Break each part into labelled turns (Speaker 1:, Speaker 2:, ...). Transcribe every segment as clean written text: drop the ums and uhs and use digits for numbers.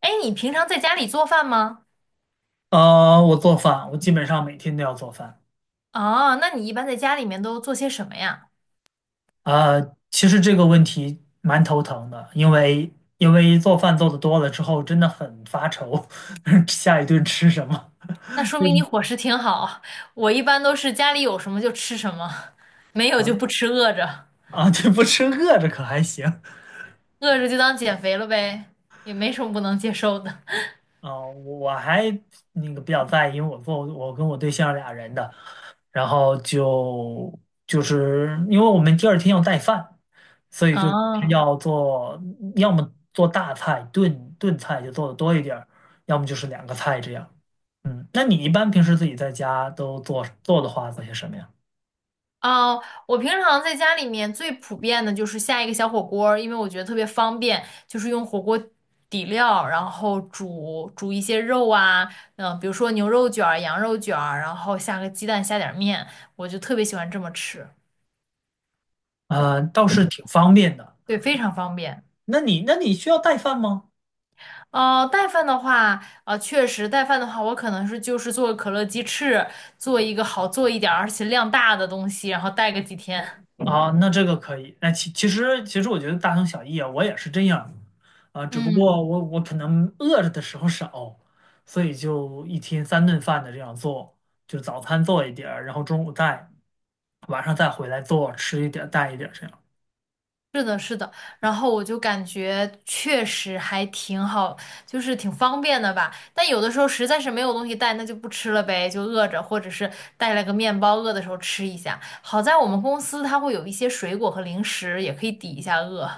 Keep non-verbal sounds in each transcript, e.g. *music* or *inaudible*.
Speaker 1: 哎，你平常在家里做饭吗？
Speaker 2: 我做饭，我基本上每天都要做饭。
Speaker 1: 啊，那你一般在家里面都做些什么呀？
Speaker 2: 其实这个问题蛮头疼的，因为做饭做的多了之后，真的很发愁，*laughs* 下一顿吃什么
Speaker 1: 那
Speaker 2: *laughs*？
Speaker 1: 说
Speaker 2: 就
Speaker 1: 明你
Speaker 2: 是
Speaker 1: 伙食挺好。我一般都是家里有什么就吃什么，没有就
Speaker 2: 想
Speaker 1: 不吃，饿着，
Speaker 2: 啊，对，不吃饿着可还行
Speaker 1: 饿着就当减肥了呗，也没什么不能接受的。*laughs*
Speaker 2: 啊，我还那个比较在意，因为我跟我对象俩人的，然后就是因为我们第二天要带饭，所以就是
Speaker 1: 哦，
Speaker 2: 要做，要么做大菜炖菜就做的多一点儿，要么就是两个菜这样。嗯，那你一般平时自己在家都做的话，做些什么呀？
Speaker 1: 我平常在家里面最普遍的就是下一个小火锅儿，因为我觉得特别方便，就是用火锅底料，然后煮一些肉啊，嗯、比如说牛肉卷儿、羊肉卷儿，然后下个鸡蛋，下点儿面，我就特别喜欢这么吃，
Speaker 2: 啊、倒是挺方便的。
Speaker 1: 对，非常方便。
Speaker 2: 那你需要带饭吗？
Speaker 1: 哦，带饭的话，啊，确实带饭的话，我可能是就是做个可乐鸡翅，做一个好做一点儿，而且量大的东西，然后带个几天。
Speaker 2: 啊，那这个可以。那其实我觉得大同小异啊，我也是这样啊，只不
Speaker 1: 嗯。
Speaker 2: 过我可能饿着的时候少，所以就一天三顿饭的这样做，就早餐做一点儿，然后中午带，晚上再回来做，吃一点儿带一点儿这样
Speaker 1: 是的，是的，然后我就感觉确实还挺好，就是挺方便的吧。但有的时候实在是没有东西带，那就不吃了呗，就饿着，或者是带了个面包，饿的时候吃一下。好在我们公司它会有一些水果和零食，也可以抵一下饿，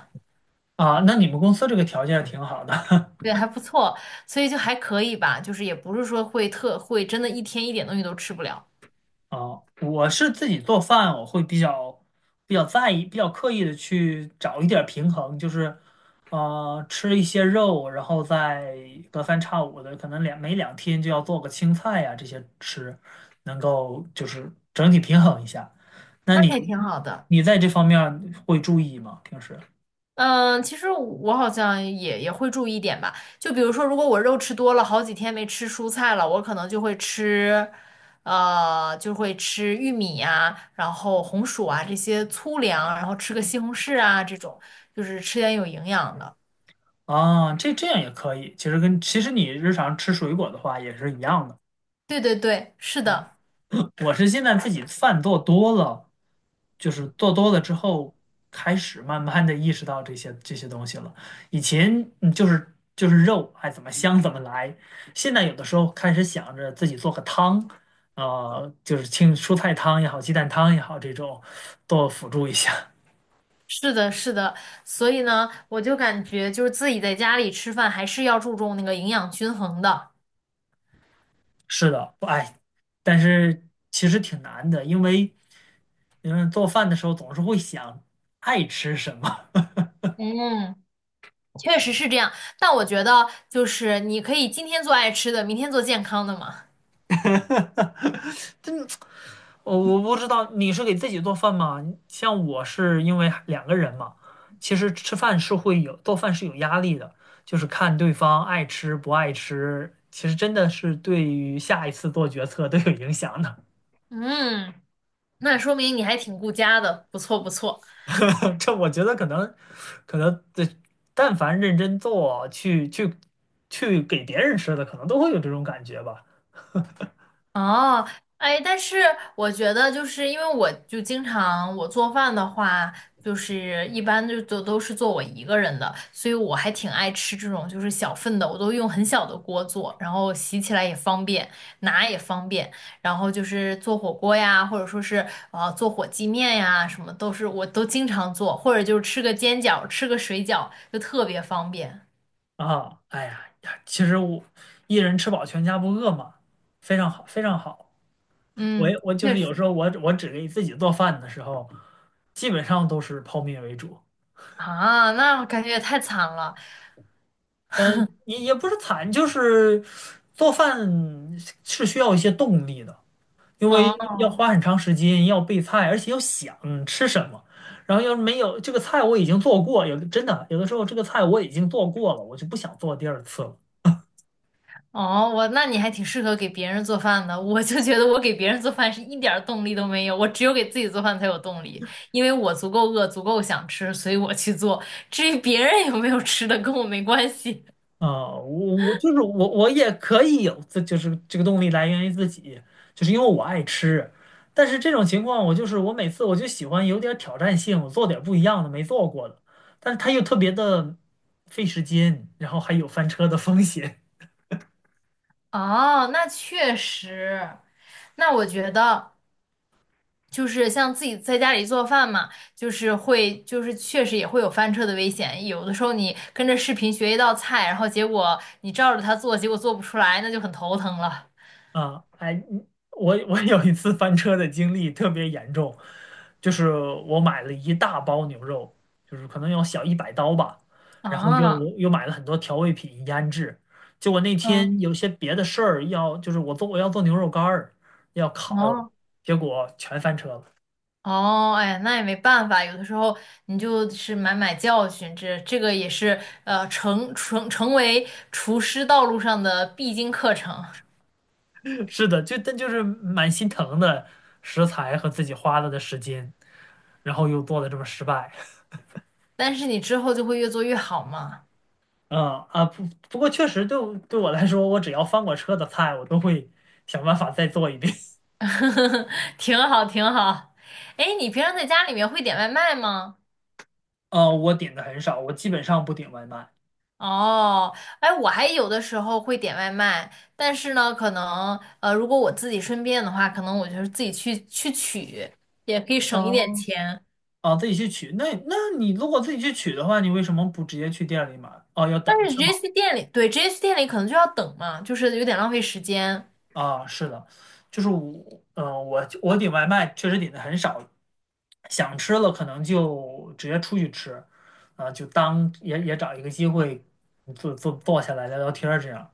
Speaker 2: 啊。那你们公司这个条件挺好的，*laughs*
Speaker 1: 对，还不错，所以就还可以吧，就是也不是说会真的一天一点东西都吃不了，
Speaker 2: 啊，我是自己做饭，我会比较在意，比较刻意的去找一点儿平衡，就是，呃，吃一些肉，然后再隔三差五的，可能每2天就要做个青菜呀、这些吃，能够就是整体平衡一下。那
Speaker 1: 那还
Speaker 2: 你
Speaker 1: 挺好的。
Speaker 2: 在这方面儿会注意吗？平时
Speaker 1: 嗯，其实我好像也会注意一点吧。就比如说，如果我肉吃多了，好几天没吃蔬菜了，我可能就会吃，就会吃玉米啊，然后红薯啊这些粗粮，然后吃个西红柿啊这种，就是吃点有营养的。
Speaker 2: 啊，这样也可以。其实其实你日常吃水果的话也是一样的。
Speaker 1: 对对对，是的，
Speaker 2: *laughs* 我是现在自己饭做多了，就是做多了之后，开始慢慢的意识到这些东西了。以前就是肉，哎，怎么香怎么来。现在有的时候开始想着自己做个汤，呃，就是清蔬菜汤也好，鸡蛋汤也好，这种多辅助一下。
Speaker 1: 是的，是的。所以呢，我就感觉就是自己在家里吃饭还是要注重那个营养均衡的。
Speaker 2: 是的，哎，但是其实挺难的，因为做饭的时候总是会想爱吃什么。
Speaker 1: 嗯。确实是这样，但我觉得就是你可以今天做爱吃的，明天做健康的嘛。
Speaker 2: 真，我不知道你是给自己做饭吗？像我是因为两个人嘛，其实吃饭是会有，做饭是有压力的，就是看对方爱吃不爱吃，其实真的是对于下一次做决策都有影响的。
Speaker 1: 嗯，那说明你还挺顾家的，不错不错。
Speaker 2: *laughs* 这我觉得可能，可能这但凡认真做，去给别人吃的，可能都会有这种感觉吧。
Speaker 1: 哦，哎，但是我觉得就是因为我就经常我做饭的话，就是一般就都是做我一个人的，所以我还挺爱吃这种就是小份的，我都用很小的锅做，然后洗起来也方便，拿也方便，然后就是做火锅呀，或者说是做火鸡面呀，什么都是我都经常做，或者就是吃个煎饺，吃个水饺，就特别方便。
Speaker 2: 啊，哎呀呀，其实我一人吃饱全家不饿嘛，非常好，非常好。
Speaker 1: 嗯，
Speaker 2: 我就
Speaker 1: 确
Speaker 2: 是有时
Speaker 1: 实。
Speaker 2: 候我只给自己做饭的时候，基本上都是泡面为主。
Speaker 1: 啊，那我感觉也太惨了。
Speaker 2: 嗯，也不是惨，就是做饭是需要一些动力的，因为
Speaker 1: 嗯。
Speaker 2: 要花很长时间，要备菜，而且要想吃什么。然后要是没有这个菜我已经做过，有的时候这个菜我已经做过了，我就不想做第二次了。
Speaker 1: 哦，我那你还挺适合给别人做饭的。我就觉得我给别人做饭是一点儿动力都没有，我只有给自己做饭才有动力，因为我足够饿，足够想吃，所以我去做。至于别人有没有吃的，跟我没关系。
Speaker 2: 啊，我我就是我，我也可以有自，就是这个动力来源于自己，就是因为我爱吃。但是这种情况，我每次我就喜欢有点挑战性，我做点不一样的，没做过的。但是它又特别的费时间，然后还有翻车的风险。
Speaker 1: *laughs* 哦，那确实，那我觉得就是像自己在家里做饭嘛，就是会，就是确实也会有翻车的危险。有的时候你跟着视频学一道菜，然后结果你照着它做，结果做不出来，那就很头疼了。
Speaker 2: 啊，哎，我有一次翻车的经历特别严重，就是我买了一大包牛肉，就是可能要小100刀吧，然后
Speaker 1: 啊，
Speaker 2: 又买了很多调味品腌制，结果那
Speaker 1: 嗯，
Speaker 2: 天有些别的事儿要，我要做牛肉干儿，要烤，
Speaker 1: 哦。
Speaker 2: 结果全翻车了。
Speaker 1: 哦，哎，那也没办法，有的时候你就是买买教训，这个也是成为厨师道路上的必经课程，
Speaker 2: *laughs* 是的，就是蛮心疼的食材和自己花了的时间，然后又做的这么失败。
Speaker 1: 但是你之后就会越做越好嘛。
Speaker 2: 嗯啊不不过确实对我来说，我只要翻过车的菜，我都会想办法再做一遍。
Speaker 1: *laughs* 挺好挺好。哎，你平常在家里面会点外卖吗？
Speaker 2: *laughs* 啊，我点的很少，我基本上不点外卖。
Speaker 1: 哦，哎，我还有的时候会点外卖，但是呢，可能如果我自己顺便的话，可能我就是自己去取，也可以省一点
Speaker 2: 哦
Speaker 1: 钱。
Speaker 2: 啊，自己去取。那你如果自己去取的话，你为什么不直接去店里买？哦，要等
Speaker 1: 但是直
Speaker 2: 是
Speaker 1: 接
Speaker 2: 吗？
Speaker 1: 去店里，对直接去店里可能就要等嘛，就是有点浪费时间。
Speaker 2: 啊，是的，就是我，嗯、我点外卖确实点的很少，想吃了可能就直接出去吃，啊，就当也找一个机会坐下来聊聊天儿这样。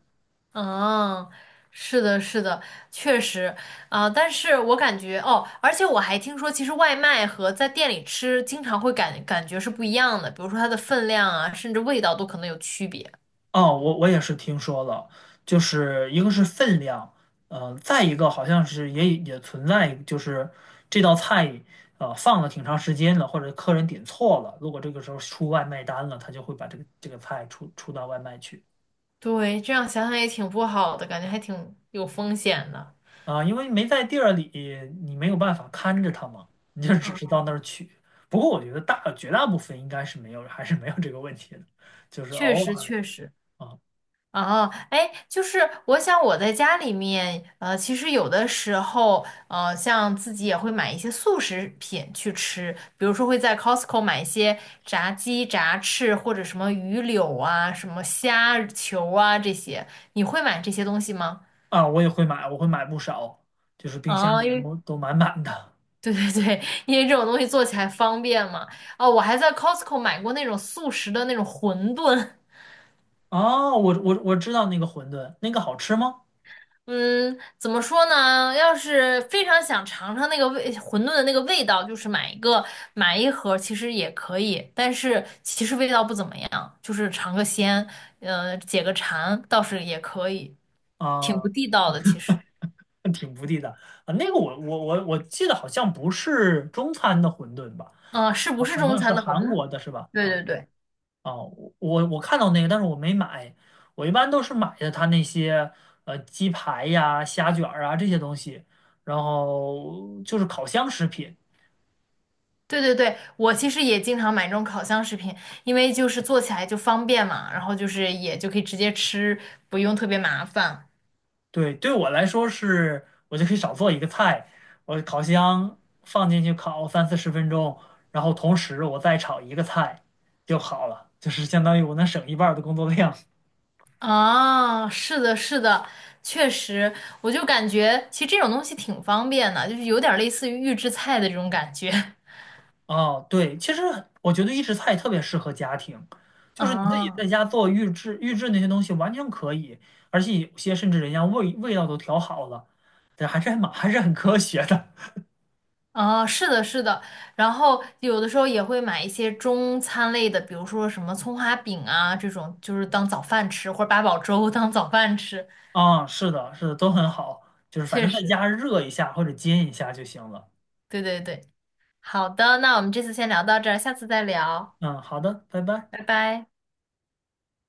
Speaker 1: 嗯，是的，是的，确实。啊，但是我感觉哦，而且我还听说，其实外卖和在店里吃经常会感觉是不一样的，比如说它的分量啊，甚至味道都可能有区别。
Speaker 2: 哦，我也是听说了，就是一个是分量，呃，再一个好像是也存在，就是这道菜呃放了挺长时间了，或者客人点错了，如果这个时候出外卖单了，他就会把这个菜出到外卖去
Speaker 1: 对，这样想想也挺不好的，感觉还挺有风险的。
Speaker 2: 啊，因为没在地儿里，你没有办法看着他嘛，你就只是
Speaker 1: 嗯，
Speaker 2: 到那儿取。不过我觉得绝大部分应该是没有，还是没有这个问题的，就是
Speaker 1: 确
Speaker 2: 偶
Speaker 1: 实，
Speaker 2: 尔
Speaker 1: 确实。
Speaker 2: 啊
Speaker 1: 啊，哎，就是我想我在家里面，其实有的时候，像自己也会买一些速食品去吃，比如说会在 Costco 买一些炸鸡、炸翅或者什么鱼柳啊、什么虾球啊这些，你会买这些东西吗？
Speaker 2: 啊，我也会买，我会买不少，就是冰箱
Speaker 1: 啊，
Speaker 2: 里
Speaker 1: 因为
Speaker 2: 都满满的。
Speaker 1: *laughs* 对对对，因为这种东西做起来方便嘛。哦，我还在 Costco 买过那种速食的那种馄饨。*laughs*
Speaker 2: 哦，我我知道那个馄饨，那个好吃吗？
Speaker 1: 嗯，怎么说呢？要是非常想尝尝那个味，馄饨的那个味道，就是买一个买一盒，其实也可以，但是其实味道不怎么样，就是尝个鲜，解个馋倒是也可以，挺
Speaker 2: 啊，
Speaker 1: 不地道的其实。
Speaker 2: 挺不地道啊。那个我我记得好像不是中餐的馄饨吧，
Speaker 1: 嗯、是不
Speaker 2: 啊
Speaker 1: 是
Speaker 2: 好
Speaker 1: 中
Speaker 2: 像是
Speaker 1: 餐的馄
Speaker 2: 韩
Speaker 1: 饨？
Speaker 2: 国的是吧？
Speaker 1: 对
Speaker 2: 啊
Speaker 1: 对对
Speaker 2: 啊，我我看到那个，但是我没买。我一般都是买的他那些呃鸡排呀、虾卷儿啊这些东西，然后就是烤箱食品。
Speaker 1: 对对对，我其实也经常买这种烤箱食品，因为就是做起来就方便嘛，然后就是也就可以直接吃，不用特别麻烦。
Speaker 2: 对，对我来说是，我就可以少做一个菜，我烤箱放进去烤30-40分钟，然后同时我再炒一个菜就好了，就是相当于我能省一半儿的工作量。
Speaker 1: 啊，是的，是的，确实，我就感觉其实这种东西挺方便的，就是有点儿类似于预制菜的这种感觉。*laughs*
Speaker 2: 哦，对，其实我觉得预制菜特别适合家庭，就是你自己
Speaker 1: 啊
Speaker 2: 在家做预制那些东西完全可以，而且有些甚至人家味道都调好了，对，还是很科学的。*laughs*
Speaker 1: 啊，是的，是的。然后有的时候也会买一些中餐类的，比如说什么葱花饼啊这种，就是当早饭吃，或者八宝粥 *laughs* 当早饭吃。
Speaker 2: 啊、是的，是的，都很好，就是反
Speaker 1: 确
Speaker 2: 正在
Speaker 1: 实，
Speaker 2: 家热一下或者煎一下就行了。
Speaker 1: 对对对。好的，那我们这次先聊到这儿，下次再聊，
Speaker 2: 嗯，好的，拜拜。
Speaker 1: 拜拜。